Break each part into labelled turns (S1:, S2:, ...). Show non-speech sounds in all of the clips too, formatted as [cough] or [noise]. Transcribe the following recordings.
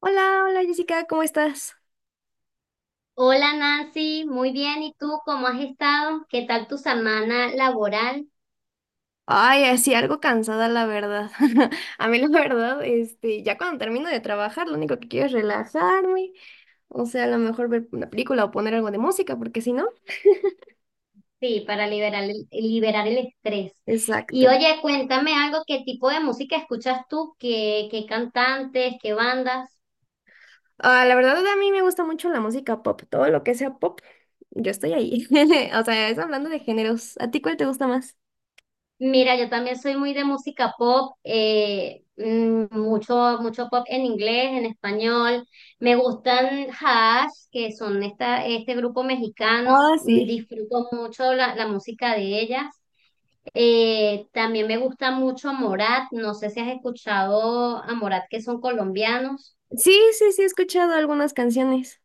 S1: Hola, hola Jessica, ¿cómo estás?
S2: Hola Nancy, muy bien. ¿Y tú cómo has estado? ¿Qué tal tu semana laboral?
S1: Ay, así algo cansada la verdad. [laughs] A mí la verdad, ya cuando termino de trabajar, lo único que quiero es relajarme, o sea, a lo mejor ver una película o poner algo de música, porque si no.
S2: Sí, para liberar el estrés. Y
S1: Exacto.
S2: oye, cuéntame algo, ¿qué tipo de música escuchas tú? ¿Qué cantantes? ¿Qué bandas?
S1: Ah, la verdad a mí me gusta mucho la música pop, todo lo que sea pop, yo estoy ahí. [laughs] O sea, es hablando de géneros. ¿A ti cuál te gusta más?
S2: Mira, yo también soy muy de música pop, mucho pop en inglés, en español. Me gustan Hash, que son este grupo mexicano.
S1: Ah, sí.
S2: Disfruto mucho la música de ellas. También me gusta mucho Morat, no sé si has escuchado a Morat, que son colombianos.
S1: Sí, sí, sí, he escuchado algunas canciones.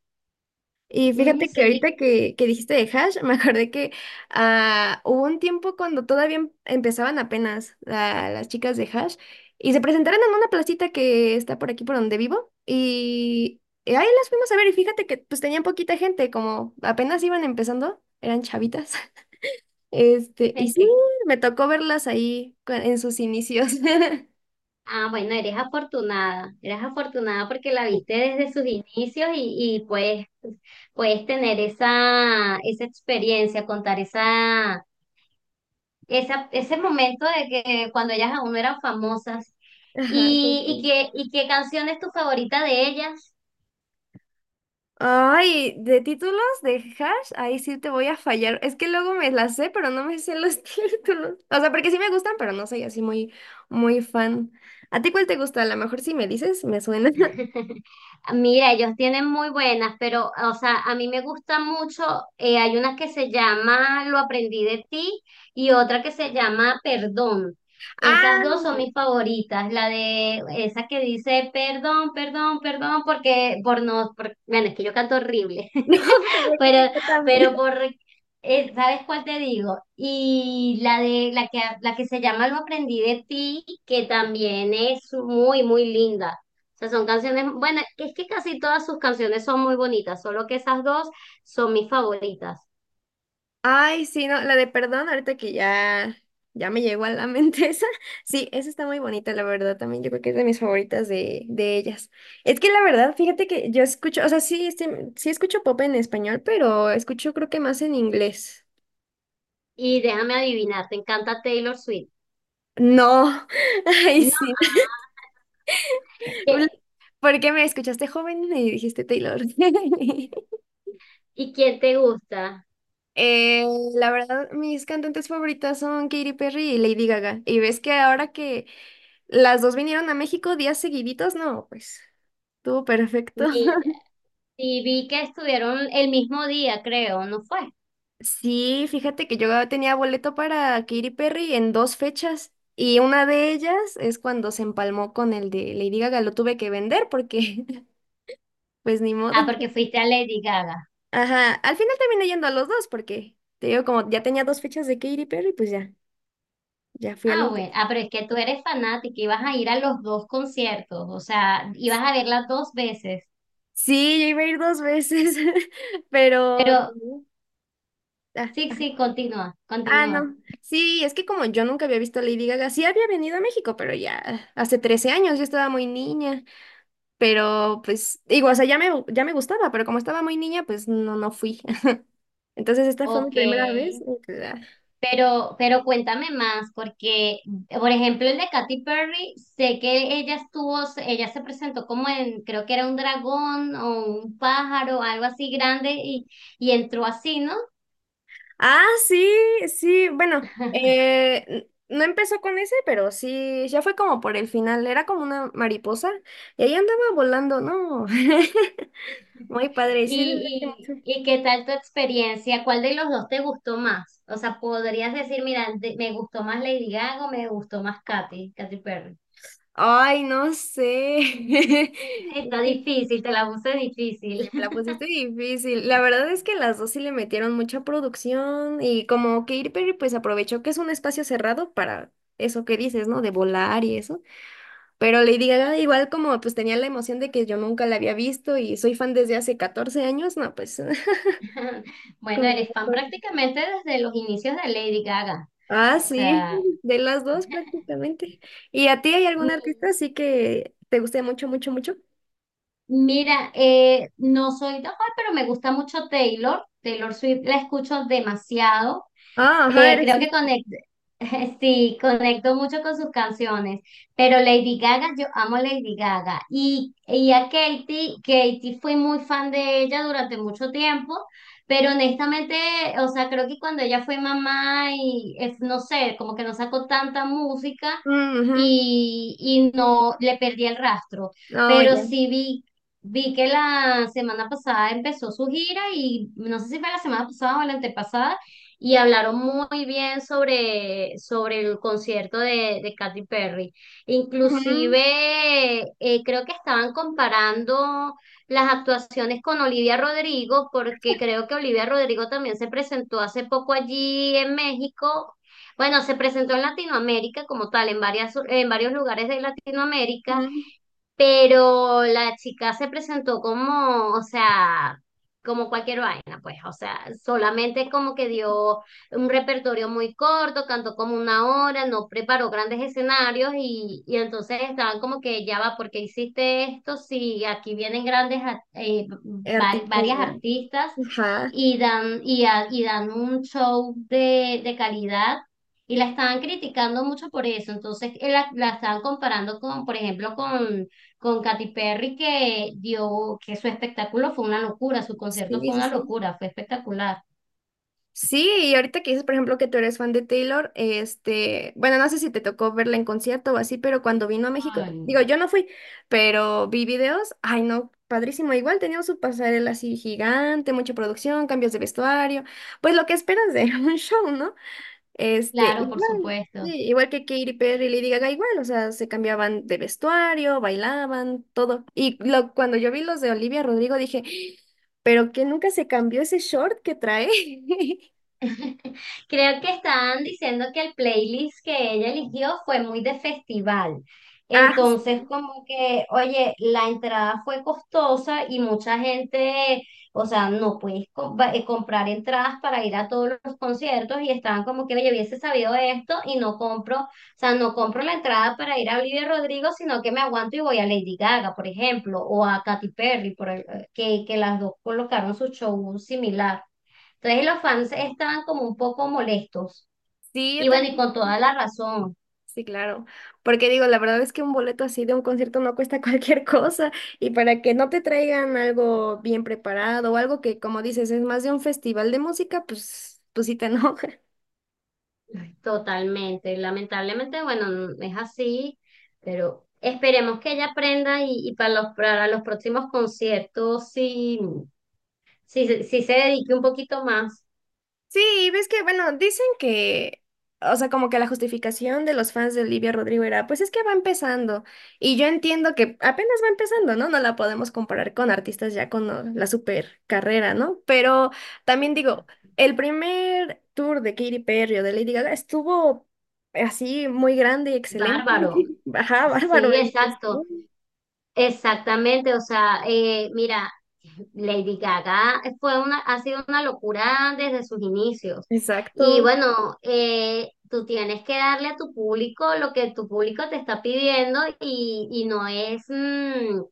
S1: Y
S2: Mm,
S1: fíjate que
S2: sí.
S1: ahorita que dijiste de hash, [laughs] me acordé que ah, hubo un tiempo cuando todavía empezaban apenas las chicas de hash y se presentaron en una placita que está por aquí por donde vivo y ahí las fuimos a ver y fíjate que pues tenían poquita gente, como apenas iban empezando, eran chavitas. [laughs] Y
S2: [laughs]
S1: sí,
S2: que-
S1: me tocó verlas ahí en sus inicios. [laughs]
S2: ah, bueno, eres afortunada porque la viste desde sus inicios y, puedes, tener esa, experiencia, contar ese momento de que cuando ellas aún no eran famosas.
S1: Ajá,
S2: ¿Y, y
S1: justo.
S2: qué, y qué canción es tu favorita de ellas?
S1: Ay, de títulos de hash, ahí sí te voy a fallar. Es que luego me las sé, pero no me sé los [laughs] títulos. O sea, porque sí me gustan, pero no soy así muy, muy fan. ¿A ti cuál te gusta? A lo mejor si me dices, me suena. [laughs]
S2: Mira, ellos tienen muy buenas, pero, o sea, a mí me gusta mucho, hay una que se llama Lo aprendí de ti y otra que se llama Perdón. Esas dos
S1: Ah,
S2: son mis favoritas, la de esa que dice perdón, perdón, perdón, porque por no, por- bueno, es que yo canto horrible.
S1: [laughs] no, te preocupes,
S2: Pero,
S1: yo también.
S2: pero ¿sabes cuál te digo? Y la que se llama Lo aprendí de ti, que también es muy, muy linda. O sea, son canciones, bueno, es que casi todas sus canciones son muy bonitas, solo que esas dos son mis favoritas.
S1: Ay, sí, no, la de perdón, ahorita que ya, ya me llegó a la mente [laughs] esa. Sí, esa está muy bonita, la verdad, también. Yo creo que es de mis favoritas de ellas. Es que la verdad, fíjate que yo escucho, o sea, sí, sí escucho pop en español, pero escucho creo que más en inglés.
S2: Y déjame adivinar, ¿te encanta Taylor Swift?
S1: No, [laughs] ay,
S2: No.
S1: sí. [laughs]
S2: ¿qué-
S1: ¿Por qué me escuchaste joven y dijiste Taylor? [laughs]
S2: ¿Y quién te gusta?
S1: Eh, la verdad, mis cantantes favoritas son Katy Perry y Lady Gaga. Y ves que ahora que las dos vinieron a México días seguiditos, no, pues. Estuvo perfecto.
S2: Mira,
S1: [laughs]
S2: y vi que estuvieron el mismo día, creo, ¿no fue?
S1: Sí, fíjate que yo tenía boleto para Katy Perry en dos fechas y una de ellas es cuando se empalmó con el de Lady Gaga, lo tuve que vender porque [laughs] pues ni modo.
S2: Ah, porque fuiste a Lady Gaga.
S1: Ajá, al final terminé yendo a los dos porque te digo como ya tenía dos fechas de Katy Perry, pues ya, ya fui a
S2: Ah,
S1: los dos.
S2: bueno, ah, pero es que tú eres fanática y vas a ir a los dos conciertos, o sea, ibas a verla dos veces.
S1: Sí, yo iba a ir dos veces, [laughs] pero...
S2: Pero
S1: Ah,
S2: sí, sí, continúa,
S1: ah,
S2: continúa.
S1: no. Sí, es que como yo nunca había visto a Lady Gaga, sí había venido a México, pero ya hace 13 años, yo estaba muy niña. Pero pues digo, o sea, ya me gustaba, pero como estaba muy niña, pues no, no fui. [laughs] Entonces esta fue mi
S2: Ok,
S1: primera vez. Y pues, ah.
S2: pero cuéntame más, porque, por ejemplo, el de Katy Perry, sé que ella se presentó como en, creo que era un dragón o un pájaro, algo así grande, y, entró así, ¿no?
S1: Ah, sí, sí, bueno,
S2: [laughs]
S1: no empezó con ese, pero sí, ya fue como por el final, era como una mariposa y ahí andaba volando, ¿no? [laughs] Muy padre, sí. le
S2: ¿Y qué tal tu experiencia? ¿Cuál de los dos te gustó más? O sea, podrías decir, mira, me gustó más Lady Gaga o me gustó más Katy Perry.
S1: Ay, no sé. [laughs] Es
S2: Está
S1: que
S2: difícil, te la puse
S1: sí,
S2: difícil.
S1: me la pusiste difícil. La verdad es que las dos sí le metieron mucha producción y como que Katy Perry pues aprovechó que es un espacio cerrado para eso que dices, ¿no? De volar y eso. Pero Lady Gaga igual como pues tenía la emoción de que yo nunca la había visto y soy fan desde hace 14 años, no, pues. [laughs]
S2: [laughs] Bueno,
S1: Con
S2: eres fan
S1: razón.
S2: prácticamente desde los inicios de Lady Gaga.
S1: Ah,
S2: O
S1: sí,
S2: sea,
S1: de las dos prácticamente. ¿Y a ti hay algún artista
S2: mi-
S1: así que te guste mucho, mucho, mucho?
S2: mira, no soy tan de pero me gusta mucho Taylor. Taylor Swift la escucho demasiado.
S1: Ah, ajá, eres...
S2: Creo que conecto, [laughs] sí, conecto mucho con sus canciones, pero Lady Gaga, yo amo Lady Gaga y, a Katy fui muy fan de ella durante mucho tiempo, pero honestamente, o sea, creo que cuando ella fue mamá y es, no sé, como que no sacó tanta música
S1: Ujú.
S2: y, no le perdí el rastro,
S1: Oh,
S2: pero
S1: ya.
S2: sí vi... Vi que la semana pasada empezó su gira y no sé si fue la semana pasada o la antepasada y hablaron muy bien sobre, el concierto de Katy Perry.
S1: Ujú,
S2: Inclusive creo que estaban comparando las actuaciones con Olivia Rodrigo, porque creo que Olivia Rodrigo también se presentó hace poco allí en México. Bueno, se presentó en Latinoamérica como tal, en varios lugares de Latinoamérica,
S1: ujú.
S2: pero la chica se presentó como, o sea, como cualquier vaina, pues, o sea, solamente como que dio un repertorio muy corto, cantó como una hora, no preparó grandes escenarios y, entonces estaban como que ya va, ¿por qué hiciste esto? Si aquí vienen grandes,
S1: Artistas.
S2: varias artistas
S1: Ajá.
S2: y dan un show de, calidad. Y la estaban criticando mucho por eso. Entonces, la estaban comparando con, por ejemplo, con Katy Perry que su espectáculo fue una locura, su concierto
S1: Sí,
S2: fue
S1: sí,
S2: una
S1: sí.
S2: locura, fue espectacular.
S1: Sí, y ahorita que dices, por ejemplo, que tú eres fan de Taylor, bueno, no sé si te tocó verla en concierto o así, pero cuando vino a México, digo,
S2: Ay,
S1: yo no fui, pero vi videos, ay no, padrísimo, igual tenía su pasarela así gigante, mucha producción, cambios de vestuario, pues lo que esperas de [laughs] un show, ¿no? Este,
S2: claro, por
S1: igual,
S2: supuesto.
S1: sí, igual que Katy Perry y Lady Gaga, igual, o sea, se cambiaban de vestuario, bailaban, todo. Y lo, cuando yo vi los de Olivia Rodrigo dije, pero que nunca se cambió ese short que trae. [laughs]
S2: [laughs] Creo que estaban diciendo que el playlist que ella eligió fue muy de festival.
S1: Ah,
S2: Entonces, como que, oye, la entrada fue costosa y mucha gente, o sea, no puedes comprar entradas para ir a todos los conciertos y estaban como que, oye, hubiese sabido esto y no compro, o sea, no compro la entrada para ir a Olivia Rodrigo, sino que me aguanto y voy a Lady Gaga, por ejemplo, o a Katy Perry, que las dos colocaron su show similar. Entonces los fans estaban como un poco molestos.
S1: sí, yo
S2: Y bueno, y
S1: también.
S2: con toda la razón,
S1: Sí, claro. Porque digo, la verdad es que un boleto así de un concierto no cuesta [laughs] cualquier cosa. Y para que no te traigan algo bien preparado o algo que, como dices, es más de un festival de música, pues, pues sí te enoja.
S2: totalmente. Lamentablemente, bueno, es así, pero esperemos que ella aprenda y, para los próximos conciertos sí, sí, sí se dedique un poquito más.
S1: Sí, ves que, bueno, dicen que, o sea, como que la justificación de los fans de Olivia Rodrigo era, pues es que va empezando. Y yo entiendo que apenas va empezando, ¿no? No la podemos comparar con artistas ya con la super carrera, ¿no? Pero también digo, el primer tour de Katy Perry o de Lady Gaga estuvo así muy grande y excelente.
S2: Bárbaro.
S1: [laughs] Ajá, bárbaro.
S2: Sí,
S1: Y pues, ¿no?
S2: exacto. Exactamente, o sea, mira, [laughs] Lady Gaga ha sido una locura desde sus inicios. Y
S1: Exacto.
S2: bueno, tú tienes que darle a tu público lo que tu público te está pidiendo y, no es,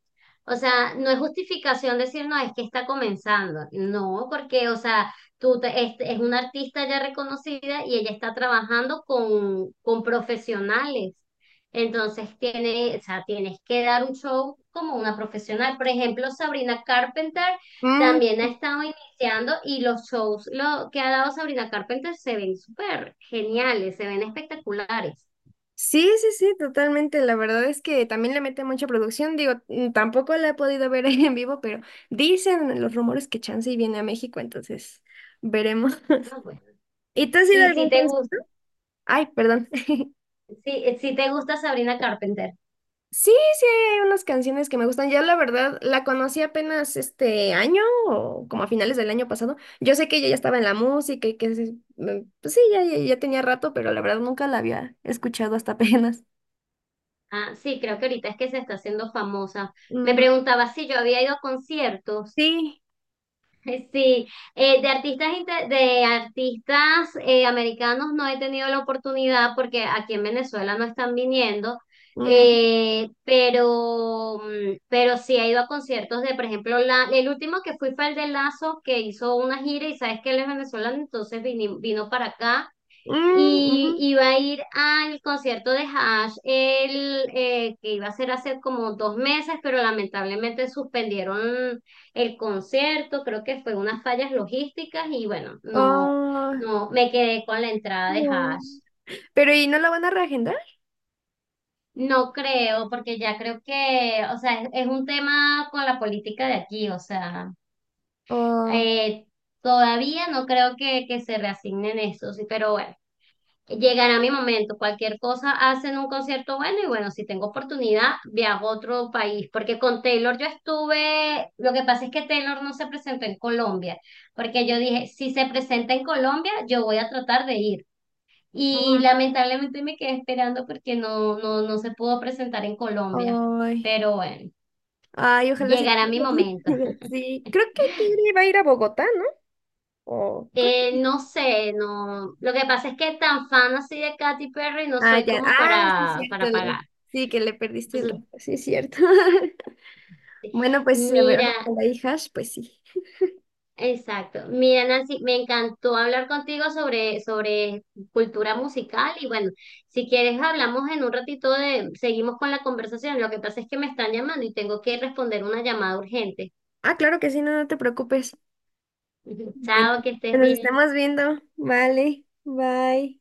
S2: o sea, no es justificación decir, no, es que está comenzando. No, porque, o sea, es una artista ya reconocida y ella está trabajando con, profesionales. Entonces o sea, tienes que dar un show como una profesional. Por ejemplo, Sabrina Carpenter
S1: Mm,
S2: también ha estado iniciando y los shows lo que ha dado Sabrina Carpenter se ven súper geniales, se ven espectaculares.
S1: sí, sí, sí, totalmente. La verdad es que también le mete mucha producción. Digo, mm, tampoco la he podido ver [laughs] ahí en vivo, pero dicen los rumores que chance y viene a México, entonces veremos.
S2: Ah, bueno.
S1: [laughs] ¿Y tú has ido a
S2: Y
S1: algún concierto? Ay, perdón. [laughs]
S2: si te gusta Sabrina Carpenter.
S1: Sí, sí, hay unas canciones que me gustan. Ya la verdad, la conocí apenas este año o como a finales del año pasado. Yo sé que ella ya estaba en la música y que pues sí, ya, ya ya tenía rato, pero la verdad nunca la había escuchado hasta [laughs] apenas.
S2: Ah, sí, creo que ahorita es que se está haciendo famosa. Me
S1: Mm,
S2: preguntaba si yo había ido a conciertos.
S1: sí.
S2: [laughs] Sí, de artistas americanos no he tenido la oportunidad porque aquí en Venezuela no están viniendo,
S1: Mm,
S2: pero sí he ido a conciertos de, por ejemplo, el último que fui fue el de Lazo, que hizo una gira y sabes que él es venezolano, entonces vino para acá
S1: mm, ujú.
S2: y iba a ir al concierto de Hash, que iba a ser hace como 2 meses, pero lamentablemente suspendieron el concierto, creo que fue unas fallas logísticas y bueno, no,
S1: Ay,
S2: no, me quedé con la entrada de
S1: no.
S2: Hash.
S1: Pero ¿y no la van a reagendar?
S2: No creo, porque ya creo que, o sea, es un tema con la política de aquí, o sea,
S1: Oh,
S2: eh, todavía no creo que se reasignen esos, pero bueno. Llegará mi momento, cualquier cosa hacen un concierto bueno y bueno, si tengo oportunidad, viajo a otro país, porque con Taylor yo estuve, lo que pasa es que Taylor no se presentó en Colombia, porque yo dije, si se presenta en Colombia, yo voy a tratar de ir. Y lamentablemente me quedé esperando porque no, no, no se pudo presentar en Colombia,
S1: ay,
S2: pero bueno,
S1: ay, ojalá sí
S2: llegará
S1: tenga
S2: mi
S1: la
S2: momento.
S1: oportunidad. [laughs] Sí, creo que Kiri va a ir a Bogotá, ¿no? O creo que...
S2: No sé, no, lo que pasa es que tan fan así de Katy Perry no
S1: Ah,
S2: soy
S1: ya.
S2: como
S1: Ah, sí, es
S2: para,
S1: cierto.
S2: pagar.
S1: Sí, que le perdiste el
S2: Pues,
S1: rato. Sí, es cierto. [laughs] Bueno, pues a ver,
S2: mira,
S1: con y hijas pues sí.
S2: exacto. Mira, Nancy, me encantó hablar contigo sobre, cultura musical y bueno, si quieres hablamos en un ratito seguimos con la conversación. Lo que pasa es que me están llamando y tengo que responder una llamada urgente.
S1: Ah, claro que sí, no, no te preocupes.
S2: [laughs]
S1: Bueno,
S2: Chao, que estés
S1: pues nos
S2: bien.
S1: estamos viendo. Vale, bye.